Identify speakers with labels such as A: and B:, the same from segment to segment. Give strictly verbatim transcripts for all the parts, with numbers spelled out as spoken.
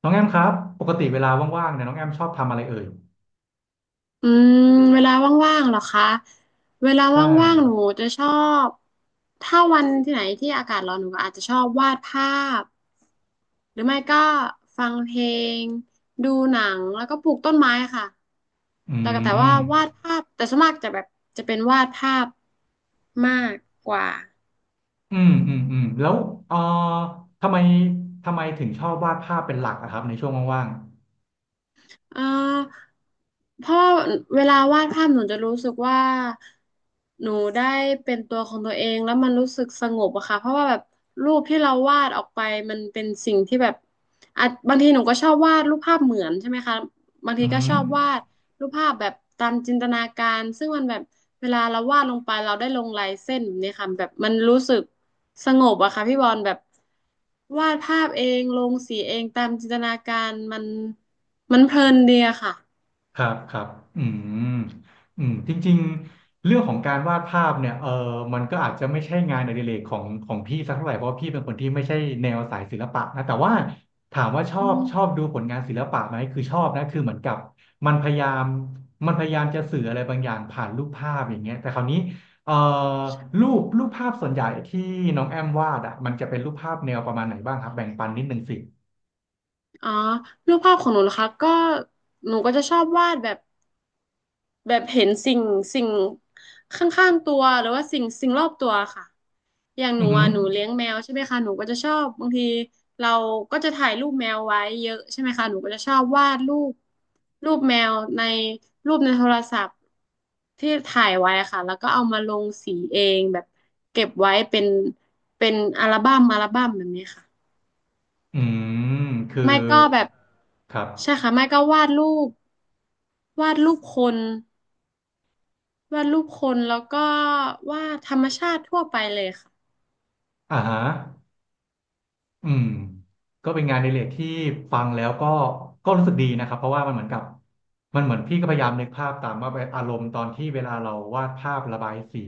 A: น้องแอมครับปกติเวลาว่างๆเนี่ยน้องแอมชอบทำอะไรเอ่ย
B: อืมเวลาว่างๆเหรอคะเวลา
A: ใช่
B: ว่างๆหนูจะชอบถ้าวันที่ไหนที่อากาศร้อนหนูก็อาจจะชอบวาดภาพหรือไม่ก็ฟังเพลงดูหนังแล้วก็ปลูกต้นไม้ค่ะ
A: อื
B: แล้วก็แต่ว่า
A: ม
B: วาดภาพแต่ส่วนมากจะแบบจะเป็นวาดภาพมากกว่า
A: อืมอืมอืมแล้วเอ่อทำไมทำไมถึงชอบวาดภาพเป็นหลักอะครับในช่วงว่าง
B: เอ่อเพราะเวลาวาดภาพหนูจะรู้สึกว่าหนูได้เป็นตัวของตัวเองแล้วมันรู้สึกสงบอะค่ะเพราะว่าแบบรูปที่เราวาดออกไปมันเป็นสิ่งที่แบบอ่ะบางทีหนูก็ชอบวาดรูปภาพเหมือนใช่ไหมคะบาง
A: ๆ
B: ที
A: อื
B: ก็ช
A: ม
B: อบวาดรูปภาพแบบตามจินตนาการซึ่งมันแบบเวลาเราวาดลงไปเราได้ลงลายเส้นแบบนี้ค่ะแบบมันรู้สึก สงบอะค่ะพี่บอลแบบวาดภาพเองลงสีเองตามจินตนาการมันมันเพลินดีอะค่ะ
A: ครับครับอืมอืมจริงๆเรื่องของการวาดภาพเนี่ยเออมันก็อาจจะไม่ใช่งานอดิเรกของของพี่สักเท่าไหร่เพราะว่าพี่เป็นคนที่ไม่ใช่แนวสายศิลปะนะแต่ว่าถามว่าชอ
B: อื
A: บ
B: ม
A: ชอบดูผลงานศิลปะไหมคือชอบนะคือเหมือนกับมันพยายามมันพยายามจะสื่ออะไรบางอย่างผ่านรูปภาพอย่างเงี้ยแต่คราวนี้เอ่อรูปรูปภาพส่วนใหญ่ที่น้องแอมวาดอ่ะมันจะเป็นรูปภาพแนวประมาณไหนบ้างครับแบ่งปันนิดนึงสิ
B: อ๋อรูปภาพของหนูนะคะก็หนูก็จะชอบวาดแบบ แบบเห็นสิ่งสิ่งข้างๆตัวหรือว่าสิ่งสิ่งรอบตัวค่ะอย่างห
A: อื
B: นู
A: อหือ
B: อ่ะหนูเลี้ยงแมวใช่ไหมคะหนูก็จะชอบบางทีเราก็จะถ่ายรูปแมวไว้เยอะใช่ไหมคะหนูก็จะชอบวาดรูปรูปแมวในรูปในโทรศัพท์ที่ถ่ายไว้ค่ะแล้วก็เอามาลงสีเองแบบเก็บไว้เป็นเป็นอัลบั้มอัลบั้มแบบนี้ค่ะ
A: อืมคือ
B: ไม่ก็แบบ
A: ครั
B: ใช่
A: บ
B: ค่ะไม่ก็วาดรูปวาดรูปคน วาดรูปคนแล้วก็วาดธรรมชาติทั่วไปเลยค่ะ
A: อ่าฮะอืมก็เป็นงานในเรกที่ฟังแล้วก็ก็รู้สึกดีนะครับเพราะว่ามันเหมือนกับมันเหมือนพี่ก็พยายามนึกภาพตามว่าอารมณ์ตอนที่เวลาเราวาดภาพระบายสี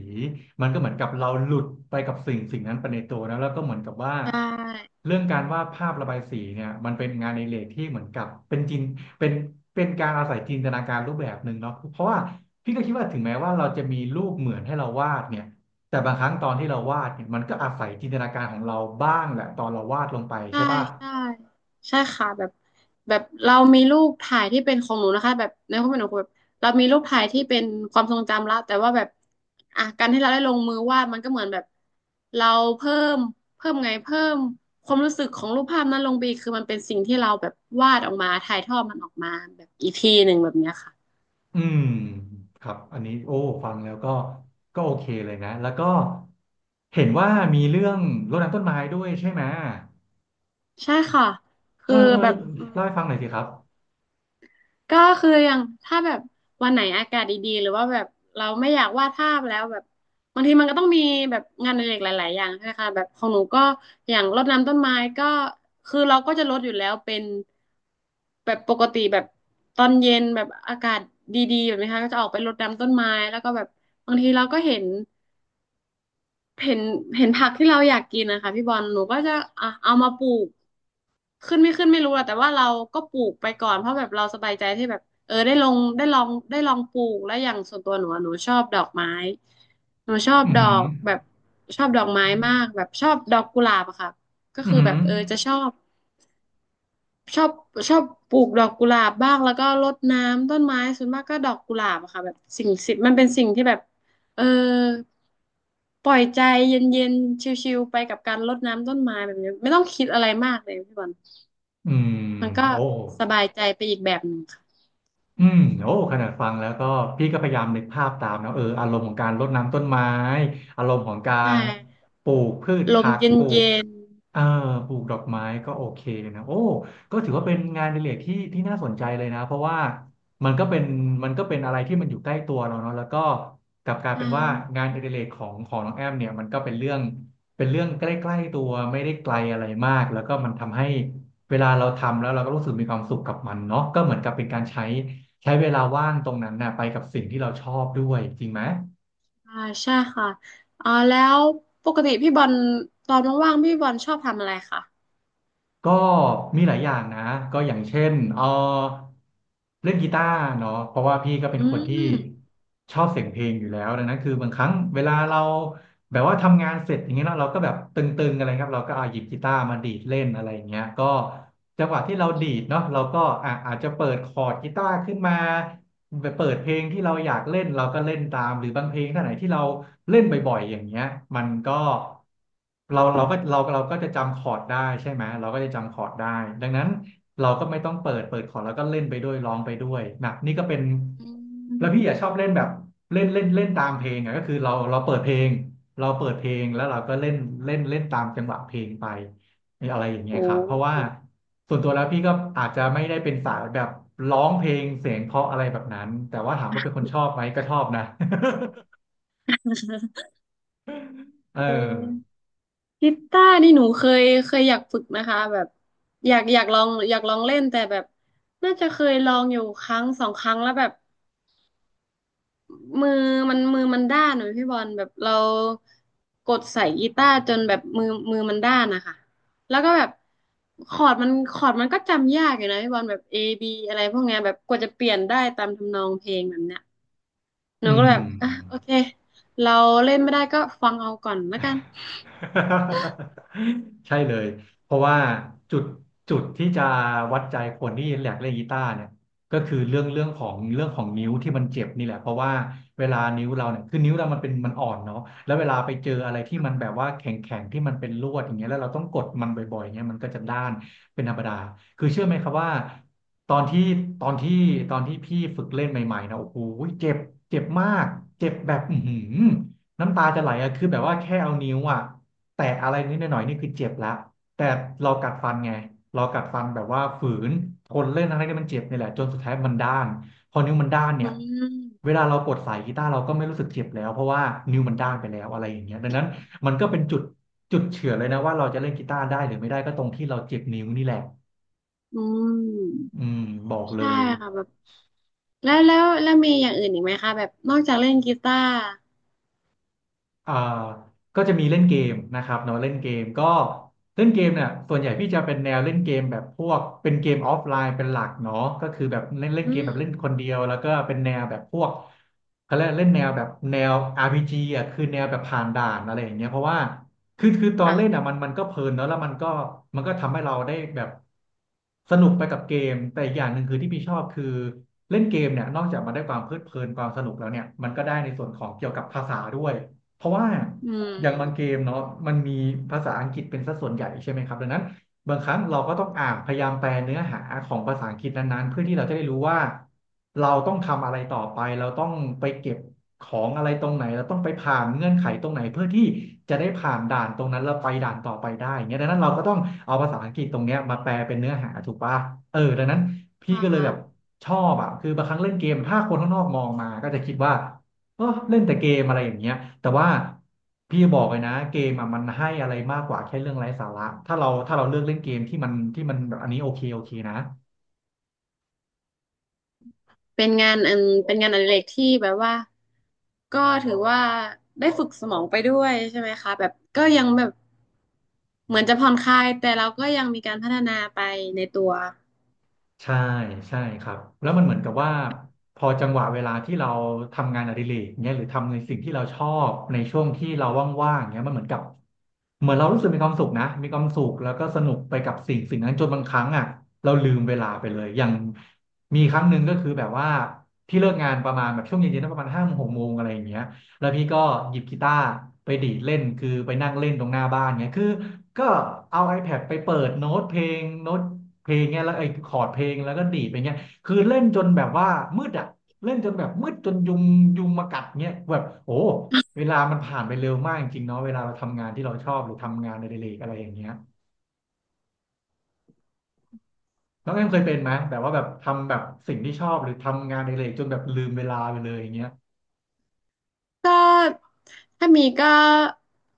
A: มันก็เหมือนกับเราหลุดไปกับสิ่งสิ่งนั้นไปในตัวนะแล้วก็เหมือนกับว่า
B: ใช่
A: เรื่องการวาดภาพระบายสีเนี่ยมันเป็นงานในเรกที่เหมือนกับเป็นจินเป็นเป็นการอาศัยจินตนาการรูปแบบหนึ่งเนาะเพราะว่าพี่ก็คิดว่าถึงแม้ว่าเราจะมีรูปเหมือนให้เราวาดเนี่ย แต่บางครั้งตอนที่เราวาดเนี่ยมันก็อาศัยจินตนาการของเราบ้างแหละตอนเราวาดลงไป
B: ใช่
A: ใช่ป่ะ
B: ใช่ใช่ค่ะแบบแบบเรามีรูปถ่ายที่เป็นของหนูนะคะแบบในความเป็นหนูแบบเรามีรูปถ่ายที่เป็นความทรงจำละแต่ว่าแบบอ่ะการที่เราได้ลงมือวาดมันก็เหมือนแบบเราเพิ่มเพิ่มไงเพิ่มความรู้สึกของรูปภาพนั้นลงไปอีกคือมันเป็นสิ่งที่เราแบบวาดออกมาถ่ายทอดมันออกมาแบบอีกทีหนึ่งแบบเนี้ยค่ะ
A: อืมครับอันนี้โอ้ฟังแล้วก็ก็โอเคเลยนะแล้วก็เห็นว่ามีเรื่องรดน้ำต้นไม้ด้วยใช่ไหม
B: ใช่ค่ะ
A: เอ
B: คื
A: อ
B: อ
A: เออ
B: แบบ
A: เล่าให้ฟังหน่อยสิครับ
B: ก็คืออย่างถ้าแบบวันไหนอากาศดีๆหรือว่าแบบเราไม่อยากวาดภาพแล้วแบบบางทีมันก็ต้องมีแบบงานอดิเรกหลายๆอย่างใช่ไหมคะแบบของหนูก็อย่างรดน้ำต้นไม้ก็คือเราก็จะรดอยู่แล้วเป็นแบบปกติแบบตอนเย็นแบบอากาศดีๆแบบนี้ค่ะก็จะออกไปรดน้ำต้นไม้แล้วก็แบบบางทีเราก็เห็นเห็นเห็นผักที่เราอยากกินนะคะพี่บอลหนูก็จะอ่ะเอามาปลูก ขึ้นไม่ขึ้นไม่รู้อะแต่ว่าเราก็ปลูกไปก่อนเพราะแบบเราสบายใจที่แบบเออได้ลงได้ลองได้ลองปลูกแล้วอย่างส่วนตัวหนูอะหนูชอบดอกไม้หนูชอบ
A: อือ
B: ด
A: หื
B: อ
A: อ
B: กแบบชอบดอกไม้มากแบบชอบดอกกุหลาบอะค่ะก็
A: อือ
B: คือ
A: หื
B: แบ
A: อ
B: บเออจะชอบชอบชอบปลูกดอกกุหลาบบ้างแล้วก็รดน้ำต้นไม้ส่วนมากก็ดอกกุหลาบอะค่ะแบบสิ่งสิมันเป็นสิ่งที่แบบเออปล่อยใจเย็นๆชิลๆไปกับการรดน้ำต้นไม้แบบนี้ไม่ต้องคิดอะไรมากเลยพี่บอล
A: อืม
B: มันก็
A: โอ้
B: สบายใจไปอีกแบบหนึ่งค่ะ
A: อืมโอ้ขนาดฟังแล้วก็พี่ก็พยายามนึกภาพตามนะเอออารมณ์ของการรดน้ำต้นไม้อารมณ์ของกา
B: ใช่
A: รปลูกพืช
B: ลม
A: ผัก
B: เย็น
A: ปลูก
B: เย็น
A: เอ่อปลูกดอกไม้ก็โอเคนะโอ้ก็ถือว่าเป็นงานอดิเรกที่ที่น่าสนใจเลยนะเพราะว่ามันก็เป็นมันก็เป็นอะไรที่มันอยู่ใกล้ตัวเราเนาะแล้วก็กลับกลาย
B: อ่
A: เป็นว่า
B: า
A: งานอดิเรกของของน้องแอมเนี่ยมันก็เป็นเรื่องเป็นเรื่องใกล้ๆตัวไม่ได้ไกลอะไรมากแล้วก็มันทำให้เวลาเราทำแล้วเราก็รู้สึกมีความสุขกับมันเนาะก็เหมือนกับเป็นการใช้ ใช้เวลาว่างตรงนั้นน่ะไปกับสิ่งที่เราชอบด้วยจริงไหม
B: อ่าใช่ค่ะอ๋อแล้วปกติพี่บอลตอนว่างๆพี่บอลชอบทำอะไรคะ
A: ก็มีหลายอย่างนะก็อย่างเช่นเออเล่นกีตาร์เนาะเพราะว่าพี่ก็เป็น
B: อื
A: คนที่
B: ม
A: ชอบเสียงเพลงอยู่แล้วดังนั้นคือบางครั้งเวลาเรา
B: ค่ะ
A: แบบว่าทำงานเสร็จอย่างเงี้ยเนาะเราก็แบบตึงๆอะไรครับเราก็เอาหยิบกีตาร์มาดีดเล่นอะไรอย่างเงี้ยก็จังหวะที่เราดีดเนาะเราก็อ่ะอาจจะเปิดคอร์ดกีตาร์ขึ้นมา ไปเปิดเพลงที่เราอยากเล่นเราก็เล่นตามหรือบางเพลงท่าไหนที่เราเล่นบ่อยๆอย่างเงี้ยมันก็เราเราก็เราเราก็จะจำคอร์ดได้ใช่ไหมเราก็จะจำคอร์ดได้ดังนั้นเราก็ไม่ต้องเปิดเปิดคอร์ดแล้วก็เล่นไปด้วยร้องไปด้วยนะนี่ก็เป็น
B: อืม
A: แล้วพี่อยากชอบเล่นแบบเล่นเล่นเล่นตามเพลงอ่ะก็คือเราเราเปิดเพลงเราเปิดเพลงแล้วเราก็เล่นเล่นเล่นตามจังหวะเพลงไปีอะไรอย่าง
B: โ
A: เงี้ยครับเพราะว่า
B: ห
A: ส่วนตัวแล้วพี่ก็อาจจะไม่ได้เป็นสายแบบร้องเพลงเสียงเพราะอะไรแบบนั้น แต่ว่าถามว่าเป็นคนชอบไหมก็ชอบนะ เอ
B: เ
A: อ
B: ออกีตาร์นี่หนูเคยเคยอยากฝึกนะคะแบบอยากอยากลองอยากลองเล่นแต่แบบน่าจะเคยลองอยู่ครั้งสองครั้งแล้วแบบ มือมันมือมันด้านเหมือนพี่บอลแบบเรากดใส่กีตาร์จนแบบมือมือมันด้านนะคะแล้วก็แบบคอร์ดมันคอร์ดมันก็จำยากอยู่นะพี่บอลแบบ เอ บี อะไรพวกเนี้ยแบบกว่าจะเปลี่ยนได้ตามทำนองเพลงแบบเนี้ยหนู
A: อื
B: ก็แบ
A: ม
B: บอ่ะโอเคเราเล่นไม่ได้ก็ฟังเอาก่อนแล้วกัน
A: ใช่เลยเพราะว่าจุดจุดที่จะวัดใจคนที่แหลกเล่นกีตาร์เนี่ยก็คือเรื่องเรื่องของเรื่องของนิ้วที่มันเจ็บนี่แหละเพราะว่าเวลานิ้วเราเนี่ยคือนิ้วเรามันเป็นมันอ่อนเนาะแล้วเวลาไปเจออะไรที่มันแบบว่าแข็งแข็งที่มันเป็นลวดอย่างเงี้ยแล้วเราต้องกดมันบ่อยๆเงี้ยมันก็จะด้านเป็นธรรมดาคือเชื่อไหมครับว่าตอนที่ตอนที่ตอนที่พี่ฝึกเล่นใหม่ๆนะโอ้โหเจ็บเจ็บมากเจ็บแบบอื้อหือ น้ำตาจะไหลอะคือแบบว่าแค่เอานิ้วอะแตะอะไรนิดหน่อยๆนี่คือเจ็บละแต่เรากัดฟันไงเรากัดฟันแบบว่าฝืนทนเล่นอะไรที่มันเจ็บนี่แหละจนสุดท้ายมันด้านพอนิ้วมันด้าน
B: อื
A: เนี่ยเว
B: ม
A: ลาเรากดสายกีตาร์เราก็ไม่รู้สึกเจ็บแล้วเพราะว่านิ้วมันด้านไปแล้วอะไรอย่างเงี้ยดังนั้นมันก็เป็นจุดจุดเฉื่อยเลยนะว่าเราจะเล่นกีตาร์ได้หรือไม่ได้ก็ตรงที่เราเจ็บนิ้วนี่แหละ
B: อืม
A: อืมบอกเล
B: ใช่
A: ย
B: ค่ะแบบแล้วแล้วแล้วมีอย่างอื่นอีกไหมคะแบบนอกจากเล่นกีตาร์
A: อ่าก็จะมีเล่นเกมนะครับเนาะเล่นเกมก็เล่นเกมเนี่ยส่วนใหญ่พี่จะเป็นแนวเล่นเกมแบบพวกเป็นเกมออฟไลน์เป็นหลักเนาะก็คือแบบเล่นเล่น
B: อื
A: เกม
B: ม
A: แบบเล่นคนเดียวแล้วก็เป็นแนวแบบพวกเขาเรียกเล่นแนวแบบแนว อาร์ พี จี อ่ะคือแนวแบบผ่านด่านอะไรอย่างเงี้ยเพราะว่าคือคือตอนเล่นอ่ะ
B: ค่ะ
A: มันมันก็เพลินเนาะแล้วมันก็มันก็ทำให้เราได้แบบสนุกไปกับเกมแต่อีกอย่างหนึ่งคือที่พี่ชอบคือเล่นเกมเนี่ยนอกจากมันได้ความเพลิดเพลินความสนุกแล้วเนี่ยมันก็ได้ในส่วนของเกี่ยวกับภาษาด้วย เพราะว่า
B: อื
A: อย่างบางเก
B: ม
A: มเนาะมันมีภาษาอังกฤษเป็นสัดส่วนใหญ่ใช่ไหมครับดังนั้นบางครั้งเราก็ต้องอ่านพยายามแปลเนื้อหาของภาษาอังกฤษนั้นๆเพื่อที่เราจะได้รู้ว่าเราต้องทำอะไรต่อไปเราต้องไปเก็บของอะไรตรงไหนเราต้องไปผ่านเงื่อนไขตรงไหนเพื่อที่จะได้ผ่านด่านตรงนั้นแล้วไปด่านต่อไปได้อย่างเงี้ยดังนั้นเราก็ต้องเอาภาษาอังกฤษตรงเนี้ยมาแปลเป็นเนื้อหาถูกปะเออดังนั้นพี่
B: ค่
A: ก็เลยแบบ
B: ะ
A: ชอบอ่ะคือบางครั้งเล่นเกมถ้าคนข้างนอกมองมาก็จะคิดว่า เออเล่นแต่เกมอะไรอย่างเงี้ยแต่ว่าพี่บอกเลยนะเกมอะมันให้อะไรมากกว่าแค่เรื่องไร้สาระถ้าเราถ้าเราเลือกเล่นเกมที่มันที่มันแบบอันนี้โอเคโอเคนะ
B: เป็นงานอันเป็นงานอดิเรกที่แบบว่าก็ถือว่าได้ฝึกสมองไปด้วยใช่ไหมคะแบบก็ยังแบบเหมือนจะผ่อนคลายแต่เราก็ยังมีการพัฒนาไปในตัว
A: ใช่ใช่ครับแล้วมันเหมือนกับว่าพอจังหวะเวลาที่เราทำงานอดิเรกเนี่ยหรือทำในสิ่งที่เราชอบในช่วงที่เราว่างๆเนี่ยมันเหมือนกับเหมือนเรารู้สึกมีความสุขนะมีความสุขแล้วก็สนุกไปกับสิ่งสิ่งนั้นจนบางครั้งอ่ะเราลืมเวลาไปเลยอย่างมีครั้งหนึ่งก็คือแบบว่าที่เลิกงานประมาณแบบช่วงเย็นๆนะประมาณห้าโมงหกโมงอะไรอย่างเงี้ยแล้วพี่ก็หยิบกีตาร์ไปดีดเล่นคือไปนั่งเล่นตรงหน้าบ้านเงี้ยคือก็เอา iPad ไปเปิดโน้ตเพลงโน้ต เพลงเงี้ยแล้วไอ้คอร์ดเพลงแล้วก็ดีดไปเงี้ยคือเล่นจนแบบว่ามืดอ่ะเล่นจนแบบมืดจนยุงยุงมากัดเงี้ยแบบโอ้เวลามันผ่านไปเร็วมากจริงๆเนาะเวลาเราทำงานที่เราชอบหรือทำงานในเดเลกอะไรอย่างเงี้ยน้องแอมเคยเป็นไหมแบบว่าแบบทำแบบสิ่งที่ชอบหรือทำงานในเดเลกจนแบบลืมเวลาไปเลยอย่างเงี้ย
B: ก็ถ้ามีก็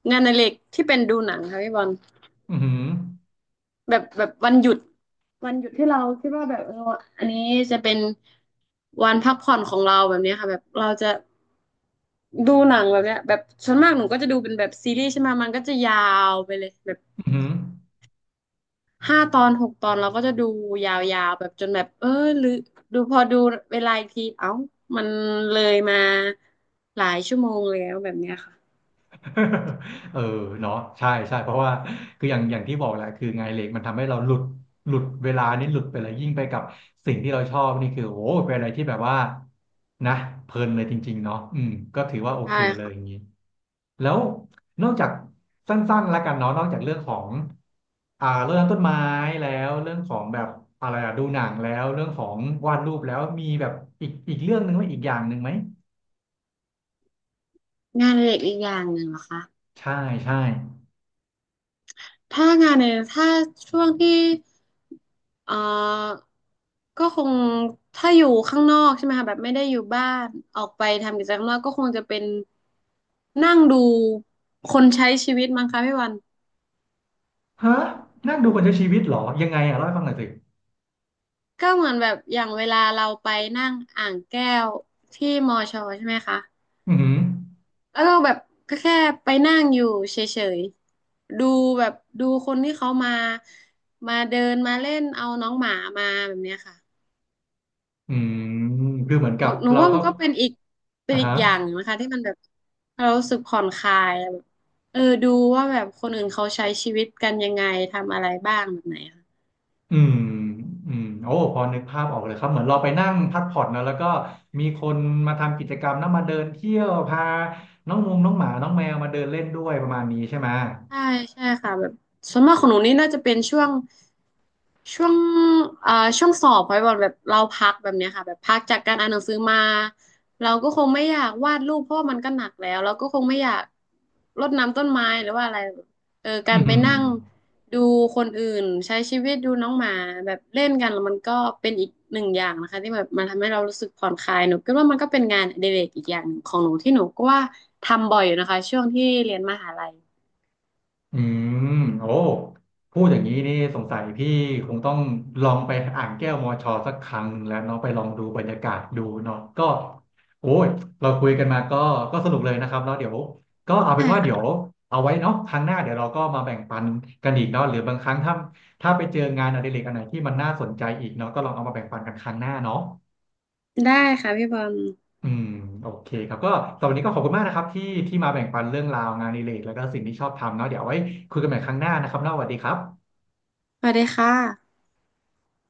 B: งานอดิเรกที่เป็นดูหนังค่ะพี่บอล
A: อือหือ
B: แบบแบบวันหยุดวันหยุดที่เราคิดว่าแบบเอออันนี้จะเป็นวันพักผ่อนของเราแบบเนี้ยค่ะแบบเราจะดูหนังแบบเนี้ยแบบส่วนมากหนูก็จะดูเป็นแบบซีรีส์ใช่ไหมมันก็จะยาวไปเลย
A: อือหือ
B: ห้าตอนหกตอนเราก็จะดูยาวๆแบบจนแบบเออหรือดูพอดูเวลาอีกทีเอ้ามันเลยมาหลายชั่วโมงแล้วแบบเนี้ยค่ะ
A: เออเนาะใช่ใช่เพราะว่าคืออย่างอย่างที่บอกแหละคืองานอดิเล็กมันทำให้เราหลุดหลุดเวลานี่หลุดไปเลยยิ่งไปกับสิ่งที่เราชอบนี่คือโอ้โหเป็นอะไรที่แบบว่านะเพลินเลยจริงๆเนาะอืมก็ถือว่าโอ
B: ใช่
A: เคเลยอย่าง
B: ค่ะ
A: นี้แล้วนอกจากสั้นๆแล้วกันเนาะนอกจากเรื่องของอ่าเรื่องต้นไม้แล้วเรื่องของแบบอะไรอะดูหนังแล้วเรื่องของวาดรูปแล้วมีแบบอีกอีกเรื่องหนึ่งไหมอีกอย่างหนึ่งไหม
B: งานอดิเรกอีกอย่างหนึ่งเหรอคะ
A: ใช่ใช่
B: ถ้างานในถ้าช่วงที่เอ่อก็คงถ้าอยู่ข้างนอกใช่ไหมคะแบบไม่ได้อยู่บ้านออกไปทำกิจกรรมข้างนอกก็คงจะเป็นนั่งดูคนใช้ชีวิตมั้งคะพี่วัน
A: ฮะนั่งดูคนใช้ชีวิตเหรอยังไงอ่ะเล่าให้ฟังหน่อยสิ
B: ก็เหมือนแบบอย่างเวลาเราไปนั่งอ่างแก้วที่มอชอใช่ไหมคะ
A: อืมอหือ
B: แล้วเราแบบก็แค่ไปนั่งอยู่เฉยๆดูแบบดูคนที่เขามามาเดินมาเล่นเอาน้องหมามาแบบเนี้ยค่ะ
A: อืมคือเหมือน
B: ห
A: กั
B: นู
A: บ
B: หนู
A: เรา
B: ว่า
A: ก็
B: มันก็เป็นอีกเป็น
A: อ่า
B: อีก
A: ฮะ
B: อย่างนะคะที่มันแบบเรารู้สึกผ่อนคลายแบบเออดูว่าแบบคนอื่นเขาใช้ชีวิตกันยังไงทำอะไรบ้างแบบไหนค่ะ
A: อืมอืมโอ้พอนึกภาพออกเลยครับเหมือนเราไปนั่งพักผ่อนนะแล้วก็มีคนมาทำกิจกรรมนะมาเดินเที่ยวพาน้องงงน้องหมาน้องแมวมาเดินเล่นด้วยประมาณนี้ใช่ไหม
B: ใช่ใช่ค่ะแบบส่วนมากของหนูนี่น่าจะเป็นช่วง ช่วงเอ่อช่วงสอบพอยบอกแบบเราพักแบบเนี้ยค่ะแบบพักจากการอ่านหนังสือมาเราก็คงไม่อยากวาดรูปเพราะว่ามันก็หนักแล้วเราก็คงไม่อยากรดน้ำต้นไม้หรือว่าอะไรเออกา
A: อื
B: รไป
A: ม
B: นั่งดูคนอื่นใช้ชีวิตดูน้องหมาแบบเล่นกันแล้วมันก็เป็นอีกหนึ่งอย่างนะคะที่แบบมันทำให้เรารู้สึกผ่อนคลายหนูคิดว่ามันก็เป็นงานอดิเรกอีกอย่างหนึ่งของหนูที่หนูก็ว่าทำบ่อยอยู่นะคะช่วงที่เรียนมหาลัย
A: อืมโอ้พูดอย่างนี้นี่สงสัยพี่คงต้องลองไปอ่างแก้วมอชอสักครั้งหนึ่งแล้วเนาะไปลองดูบรรยากาศดูเนาะก็โอ้ยเราคุยกันมาก็ก็สนุกเลยนะครับแล้วเดี๋ยวก็เอาเป็
B: ใช่
A: นว่าเดี๋ยว
B: ค่ะ
A: เอาไว้เนาะครั้งหน้าเดี๋ยวเราก็มาแบ่งปันกันอีกเนาะหรือบางครั้งถ้าถ้าไปเจองานอดิเรกอันไหนที่มันน่าสนใจอีกเนาะก็ลองเอามาแบ่งปันกันครั้งหน้าเนาะ
B: ได้ค่ะพี่บอล
A: อืมโอเคครับก็สำหรับวันนี้ก็ขอบคุณมากนะครับที่ที่มาแบ่งปันเรื่องราวงานอดิเรกแล้วก็สิ่งที่ชอบทำเนาะเดี๋ยวเอาไว้คุยกันใหม่ครั้งหน้านะครับเนาะสวัสดีครับ
B: สวัสดีค่ะ